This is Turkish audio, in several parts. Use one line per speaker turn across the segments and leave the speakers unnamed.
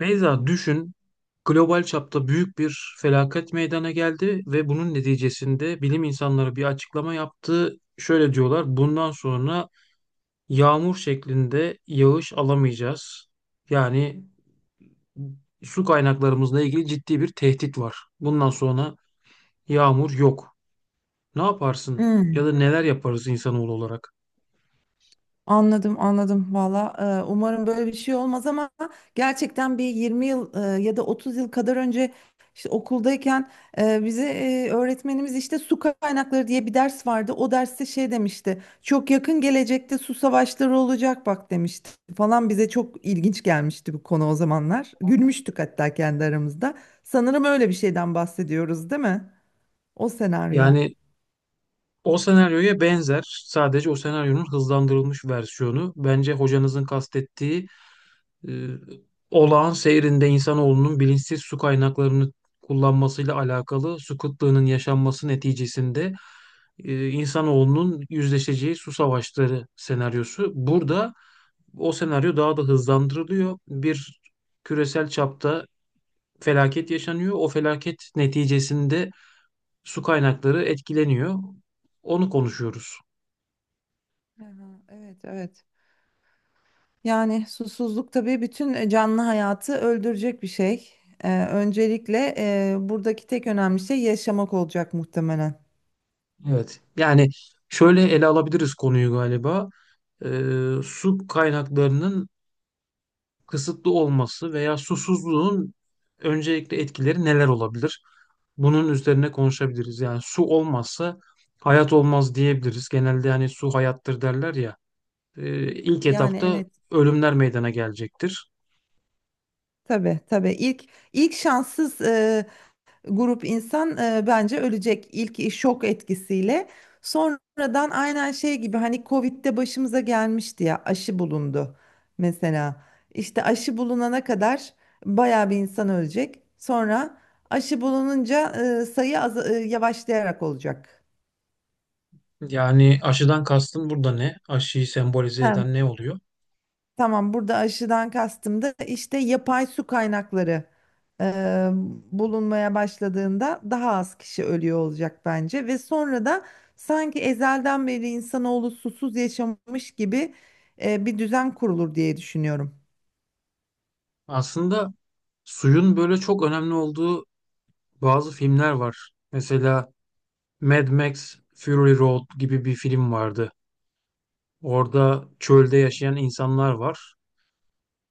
Beyza düşün, global çapta büyük bir felaket meydana geldi ve bunun neticesinde bilim insanları bir açıklama yaptı. Şöyle diyorlar, bundan sonra yağmur şeklinde yağış alamayacağız. Yani su kaynaklarımızla ilgili ciddi bir tehdit var. Bundan sonra yağmur yok. Ne yaparsın
Hmm,
ya da neler yaparız insanoğlu olarak?
anladım valla. Umarım böyle bir şey olmaz ama gerçekten bir 20 yıl, ya da 30 yıl kadar önce, işte okuldayken, bize öğretmenimiz, işte su kaynakları diye bir ders vardı. O derste şey demişti, çok yakın gelecekte su savaşları olacak bak demişti falan. Bize çok ilginç gelmişti bu konu o zamanlar, gülmüştük hatta kendi aramızda. Sanırım öyle bir şeyden bahsediyoruz değil mi, o senaryo.
Yani o senaryoya benzer, sadece o senaryonun hızlandırılmış versiyonu. Bence hocanızın kastettiği e, olağan seyrinde insanoğlunun bilinçsiz su kaynaklarını kullanmasıyla alakalı su kıtlığının yaşanması neticesinde insanoğlunun yüzleşeceği su savaşları senaryosu. Burada o senaryo daha da hızlandırılıyor. Bir küresel çapta felaket yaşanıyor. O felaket neticesinde su kaynakları etkileniyor. Onu konuşuyoruz.
Aha, evet, evet. Yani susuzluk tabii bütün canlı hayatı öldürecek bir şey. Öncelikle buradaki tek önemli şey yaşamak olacak muhtemelen.
Evet. Yani şöyle ele alabiliriz konuyu galiba. Su kaynaklarının kısıtlı olması veya susuzluğun öncelikle etkileri neler olabilir? Bunun üzerine konuşabiliriz. Yani su olmazsa hayat olmaz diyebiliriz. Genelde hani su hayattır derler ya. İlk
Yani
etapta
evet,
ölümler meydana gelecektir.
tabii tabii. İlk şanssız grup insan bence ölecek ilk şok etkisiyle. Sonradan aynen şey gibi, hani Covid'de başımıza gelmişti ya, aşı bulundu mesela. İşte aşı bulunana kadar bayağı bir insan ölecek. Sonra aşı bulununca sayı az, yavaşlayarak olacak.
Yani aşıdan kastım burada ne? Aşıyı sembolize eden ne oluyor?
Tamam, burada aşıdan kastım da işte yapay su kaynakları e, bulunmaya başladığında daha az kişi ölüyor olacak bence. Ve sonra da sanki ezelden beri insanoğlu susuz yaşamış gibi bir düzen kurulur diye düşünüyorum.
Aslında suyun böyle çok önemli olduğu bazı filmler var. Mesela Mad Max Fury Road gibi bir film vardı. Orada çölde yaşayan insanlar var.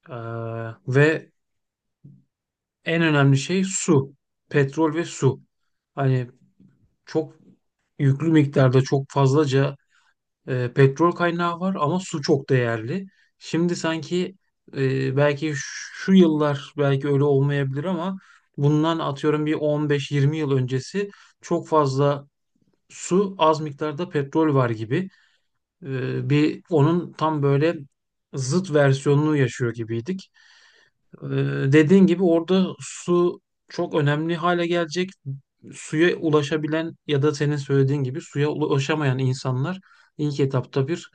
Ee, ve en önemli şey su. Petrol ve su. Hani çok yüklü miktarda çok fazlaca petrol kaynağı var ama su çok değerli. Şimdi sanki belki şu yıllar belki öyle olmayabilir ama bundan atıyorum bir 15-20 yıl öncesi çok fazla su az miktarda petrol var gibi. Bir onun tam böyle zıt versiyonunu yaşıyor gibiydik. E, dediğin gibi orada su çok önemli hale gelecek. Suya ulaşabilen ya da senin söylediğin gibi suya ulaşamayan insanlar ilk etapta bir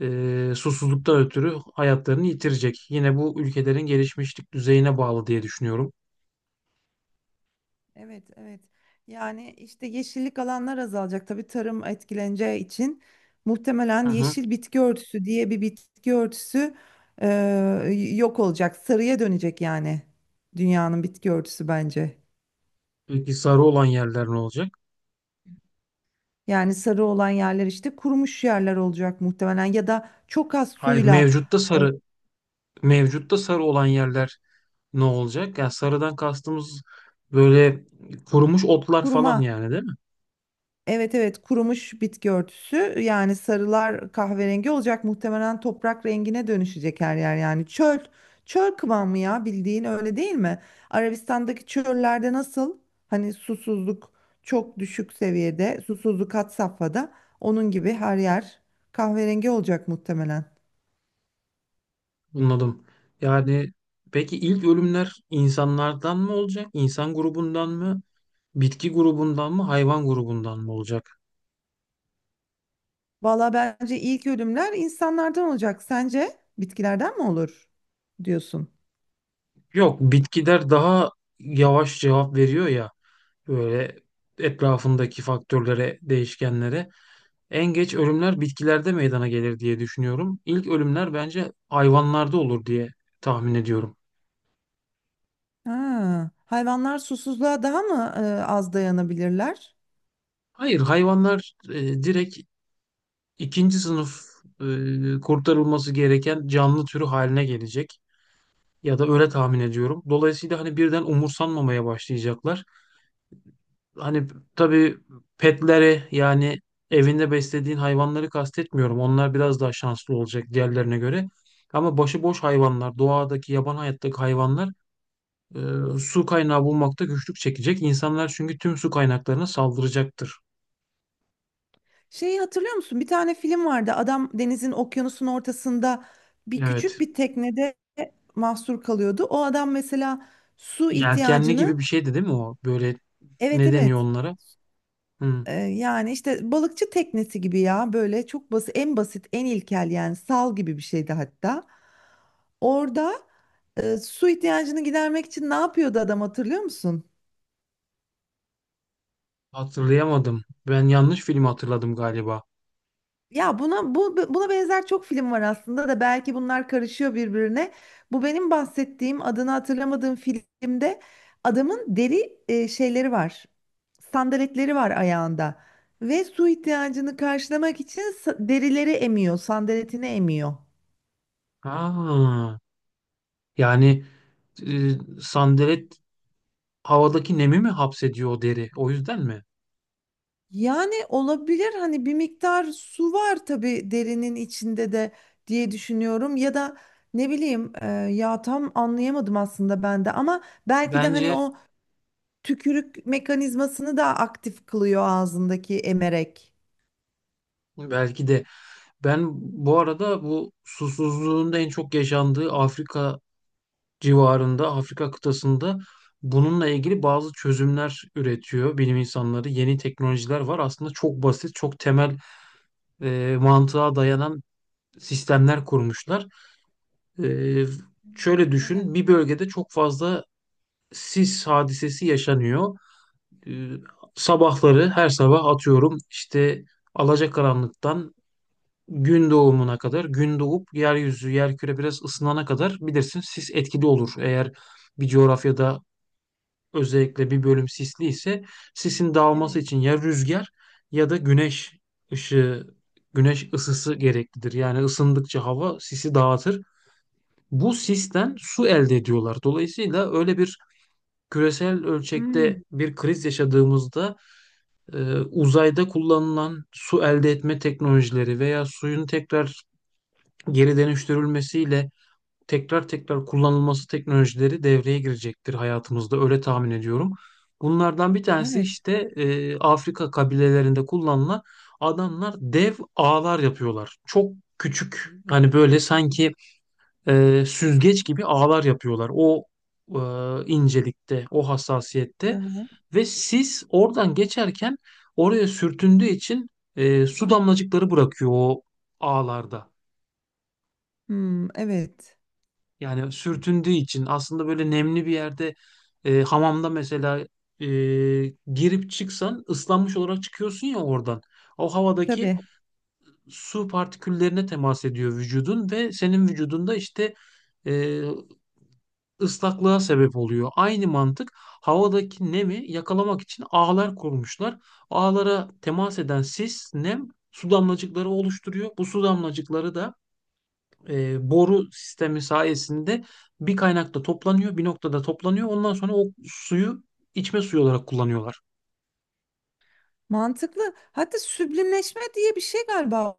susuzluktan ötürü hayatlarını yitirecek. Yine bu ülkelerin gelişmişlik düzeyine bağlı diye düşünüyorum.
Evet, evet. Yani işte yeşillik alanlar azalacak. Tabii tarım etkileneceği için
Hı
muhtemelen
hı.
yeşil bitki örtüsü diye bir bitki örtüsü e, yok olacak. Sarıya dönecek yani, dünyanın bitki örtüsü bence.
Peki sarı olan yerler ne olacak?
Yani sarı olan yerler işte kurumuş yerler olacak muhtemelen, ya da çok az
Hayır,
suyla e,
mevcutta sarı olan yerler ne olacak? Yani sarıdan kastımız böyle kurumuş otlar
kuruma.
falan yani değil mi?
Evet evet, kurumuş bitki örtüsü, yani sarılar kahverengi olacak muhtemelen, toprak rengine dönüşecek her yer. Yani çöl kıvamı ya, bildiğin, öyle değil mi? Arabistan'daki çöllerde nasıl, hani susuzluk çok düşük seviyede, susuzluk had safhada, onun gibi her yer kahverengi olacak muhtemelen.
Anladım. Yani peki ilk ölümler insanlardan mı olacak? İnsan grubundan mı? Bitki grubundan mı? Hayvan grubundan mı olacak?
Valla bence ilk ölümler insanlardan olacak. Sence bitkilerden mi olur diyorsun?
Yok, bitkiler daha yavaş cevap veriyor ya. Böyle etrafındaki faktörlere, değişkenlere. En geç ölümler bitkilerde meydana gelir diye düşünüyorum. İlk ölümler bence hayvanlarda olur diye tahmin ediyorum.
Ha, hayvanlar susuzluğa daha mı az dayanabilirler?
Hayır, hayvanlar direkt ikinci sınıf kurtarılması gereken canlı türü haline gelecek ya da öyle tahmin ediyorum. Dolayısıyla hani birden umursanmamaya başlayacaklar. Hani tabii petleri yani evinde beslediğin hayvanları kastetmiyorum. Onlar biraz daha şanslı olacak diğerlerine göre. Ama başıboş hayvanlar, doğadaki, yaban hayattaki hayvanlar e, su kaynağı bulmakta güçlük çekecek. İnsanlar çünkü tüm su kaynaklarına saldıracaktır.
Şeyi hatırlıyor musun, bir tane film vardı. Adam denizin, okyanusun ortasında bir küçük
Evet.
bir teknede mahsur kalıyordu. O adam mesela su
Yelkenli gibi
ihtiyacını,
bir şeydi değil mi o? Böyle
evet
ne deniyor
evet.
onlara? Hı,
Yani işte balıkçı teknesi gibi ya, böyle çok basit, en basit, en ilkel, yani sal gibi bir şeydi hatta. Orada su ihtiyacını gidermek için ne yapıyordu adam, hatırlıyor musun?
hatırlayamadım. Ben yanlış film hatırladım galiba.
Ya buna, buna benzer çok film var aslında da, belki bunlar karışıyor birbirine. Bu benim bahsettiğim, adını hatırlamadığım filmde adamın deri şeyleri var. Sandaletleri var ayağında ve su ihtiyacını karşılamak için derileri emiyor, sandaletini emiyor.
Ha, yani e, sandalet havadaki nemi mi hapsediyor o deri? O yüzden mi?
Yani olabilir, hani bir miktar su var tabii derinin içinde de diye düşünüyorum, ya da ne bileyim, ya tam anlayamadım aslında ben de ama belki de hani
Bence
o tükürük mekanizmasını da aktif kılıyor ağzındaki emerek.
belki de. Ben bu arada bu susuzluğun da en çok yaşandığı Afrika civarında, Afrika kıtasında bununla ilgili bazı çözümler üretiyor bilim insanları. Yeni teknolojiler var. Aslında çok basit, çok temel mantığa dayanan sistemler kurmuşlar. E, şöyle
Neler?
düşün, bir bölgede çok fazla sis hadisesi yaşanıyor. Ee, sabahları her sabah atıyorum işte alacakaranlıktan gün doğumuna kadar gün doğup yeryüzü yerküre biraz ısınana kadar bilirsin sis etkili olur. Eğer bir coğrafyada özellikle bir bölüm sisli ise sisin dağılması
Evet.
için ya rüzgar ya da güneş ışığı güneş ısısı gereklidir. Yani ısındıkça hava sisi dağıtır. Bu sisten su elde ediyorlar. Dolayısıyla öyle bir küresel ölçekte
Hmm,
bir kriz yaşadığımızda uzayda kullanılan su elde etme teknolojileri veya suyun tekrar geri dönüştürülmesiyle tekrar tekrar kullanılması teknolojileri devreye girecektir hayatımızda öyle tahmin ediyorum. Bunlardan bir tanesi
evet.
işte Afrika kabilelerinde kullanılan adamlar dev ağlar yapıyorlar. Çok küçük hani böyle sanki süzgeç gibi ağlar yapıyorlar. O e, incelikte, o
Hı
hassasiyette
hı.
ve sis oradan geçerken oraya sürtündüğü için su damlacıkları bırakıyor o ağlarda.
Hmm, evet.
Yani sürtündüğü için aslında böyle nemli bir yerde hamamda mesela e, girip çıksan ıslanmış olarak çıkıyorsun ya oradan. O havadaki
Tabii.
su partiküllerine temas ediyor vücudun ve senin vücudunda işte e, ıslaklığa sebep oluyor. Aynı mantık havadaki nemi yakalamak için ağlar kurmuşlar. Ağlara temas eden sis, nem su damlacıkları oluşturuyor. Bu su damlacıkları da boru sistemi sayesinde bir kaynakta toplanıyor, bir noktada toplanıyor. Ondan sonra o suyu içme suyu olarak kullanıyorlar.
Mantıklı. Hatta süblimleşme diye bir şey galiba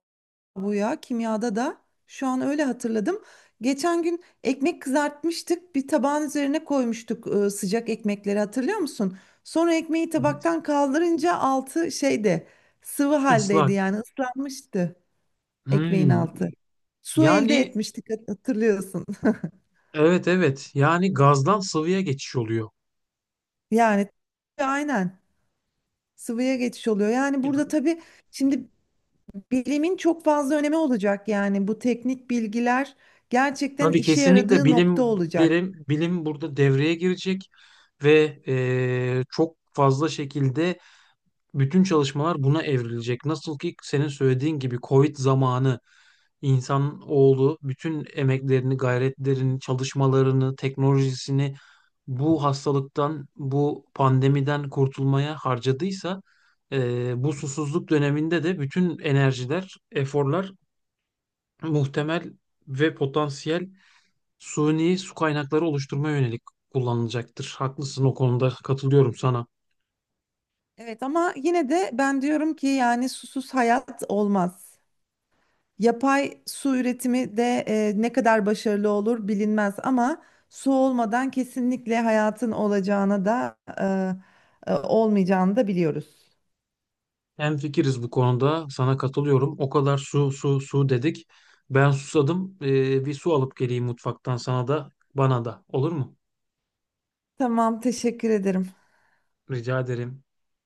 bu ya, kimyada da. Şu an öyle hatırladım. Geçen gün ekmek kızartmıştık. Bir tabağın üzerine koymuştuk sıcak ekmekleri, hatırlıyor musun? Sonra ekmeği
Evet.
tabaktan kaldırınca altı şeyde sıvı haldeydi,
Islak.
yani ıslanmıştı. Ekmeğin
Hmm.
altı. Su elde
Yani
etmiştik, hatırlıyorsun.
evet evet yani gazdan sıvıya geçiş oluyor.
Yani aynen, sıvıya geçiş oluyor. Yani burada tabii şimdi bilimin çok fazla önemi olacak. Yani bu teknik bilgiler gerçekten
Tabii
işe
kesinlikle
yaradığı nokta
bilim
olacak.
derim, bilim burada devreye girecek ve çok fazla şekilde bütün çalışmalar buna evrilecek. Nasıl ki senin söylediğin gibi Covid zamanı insan oğlu bütün emeklerini, gayretlerini, çalışmalarını, teknolojisini bu hastalıktan, bu pandemiden kurtulmaya harcadıysa bu susuzluk döneminde de bütün enerjiler, eforlar muhtemel ve potansiyel suni su kaynakları oluşturmaya yönelik kullanılacaktır. Haklısın o konuda katılıyorum sana.
Evet, ama yine de ben diyorum ki yani susuz hayat olmaz. Yapay su üretimi de ne kadar başarılı olur bilinmez ama su olmadan kesinlikle hayatın olacağına da, olmayacağını da biliyoruz.
Hemfikiriz bu konuda sana katılıyorum. O kadar su su su dedik. Ben susadım. Bir su alıp geleyim mutfaktan sana da bana da olur mu?
Tamam, teşekkür ederim.
Rica ederim.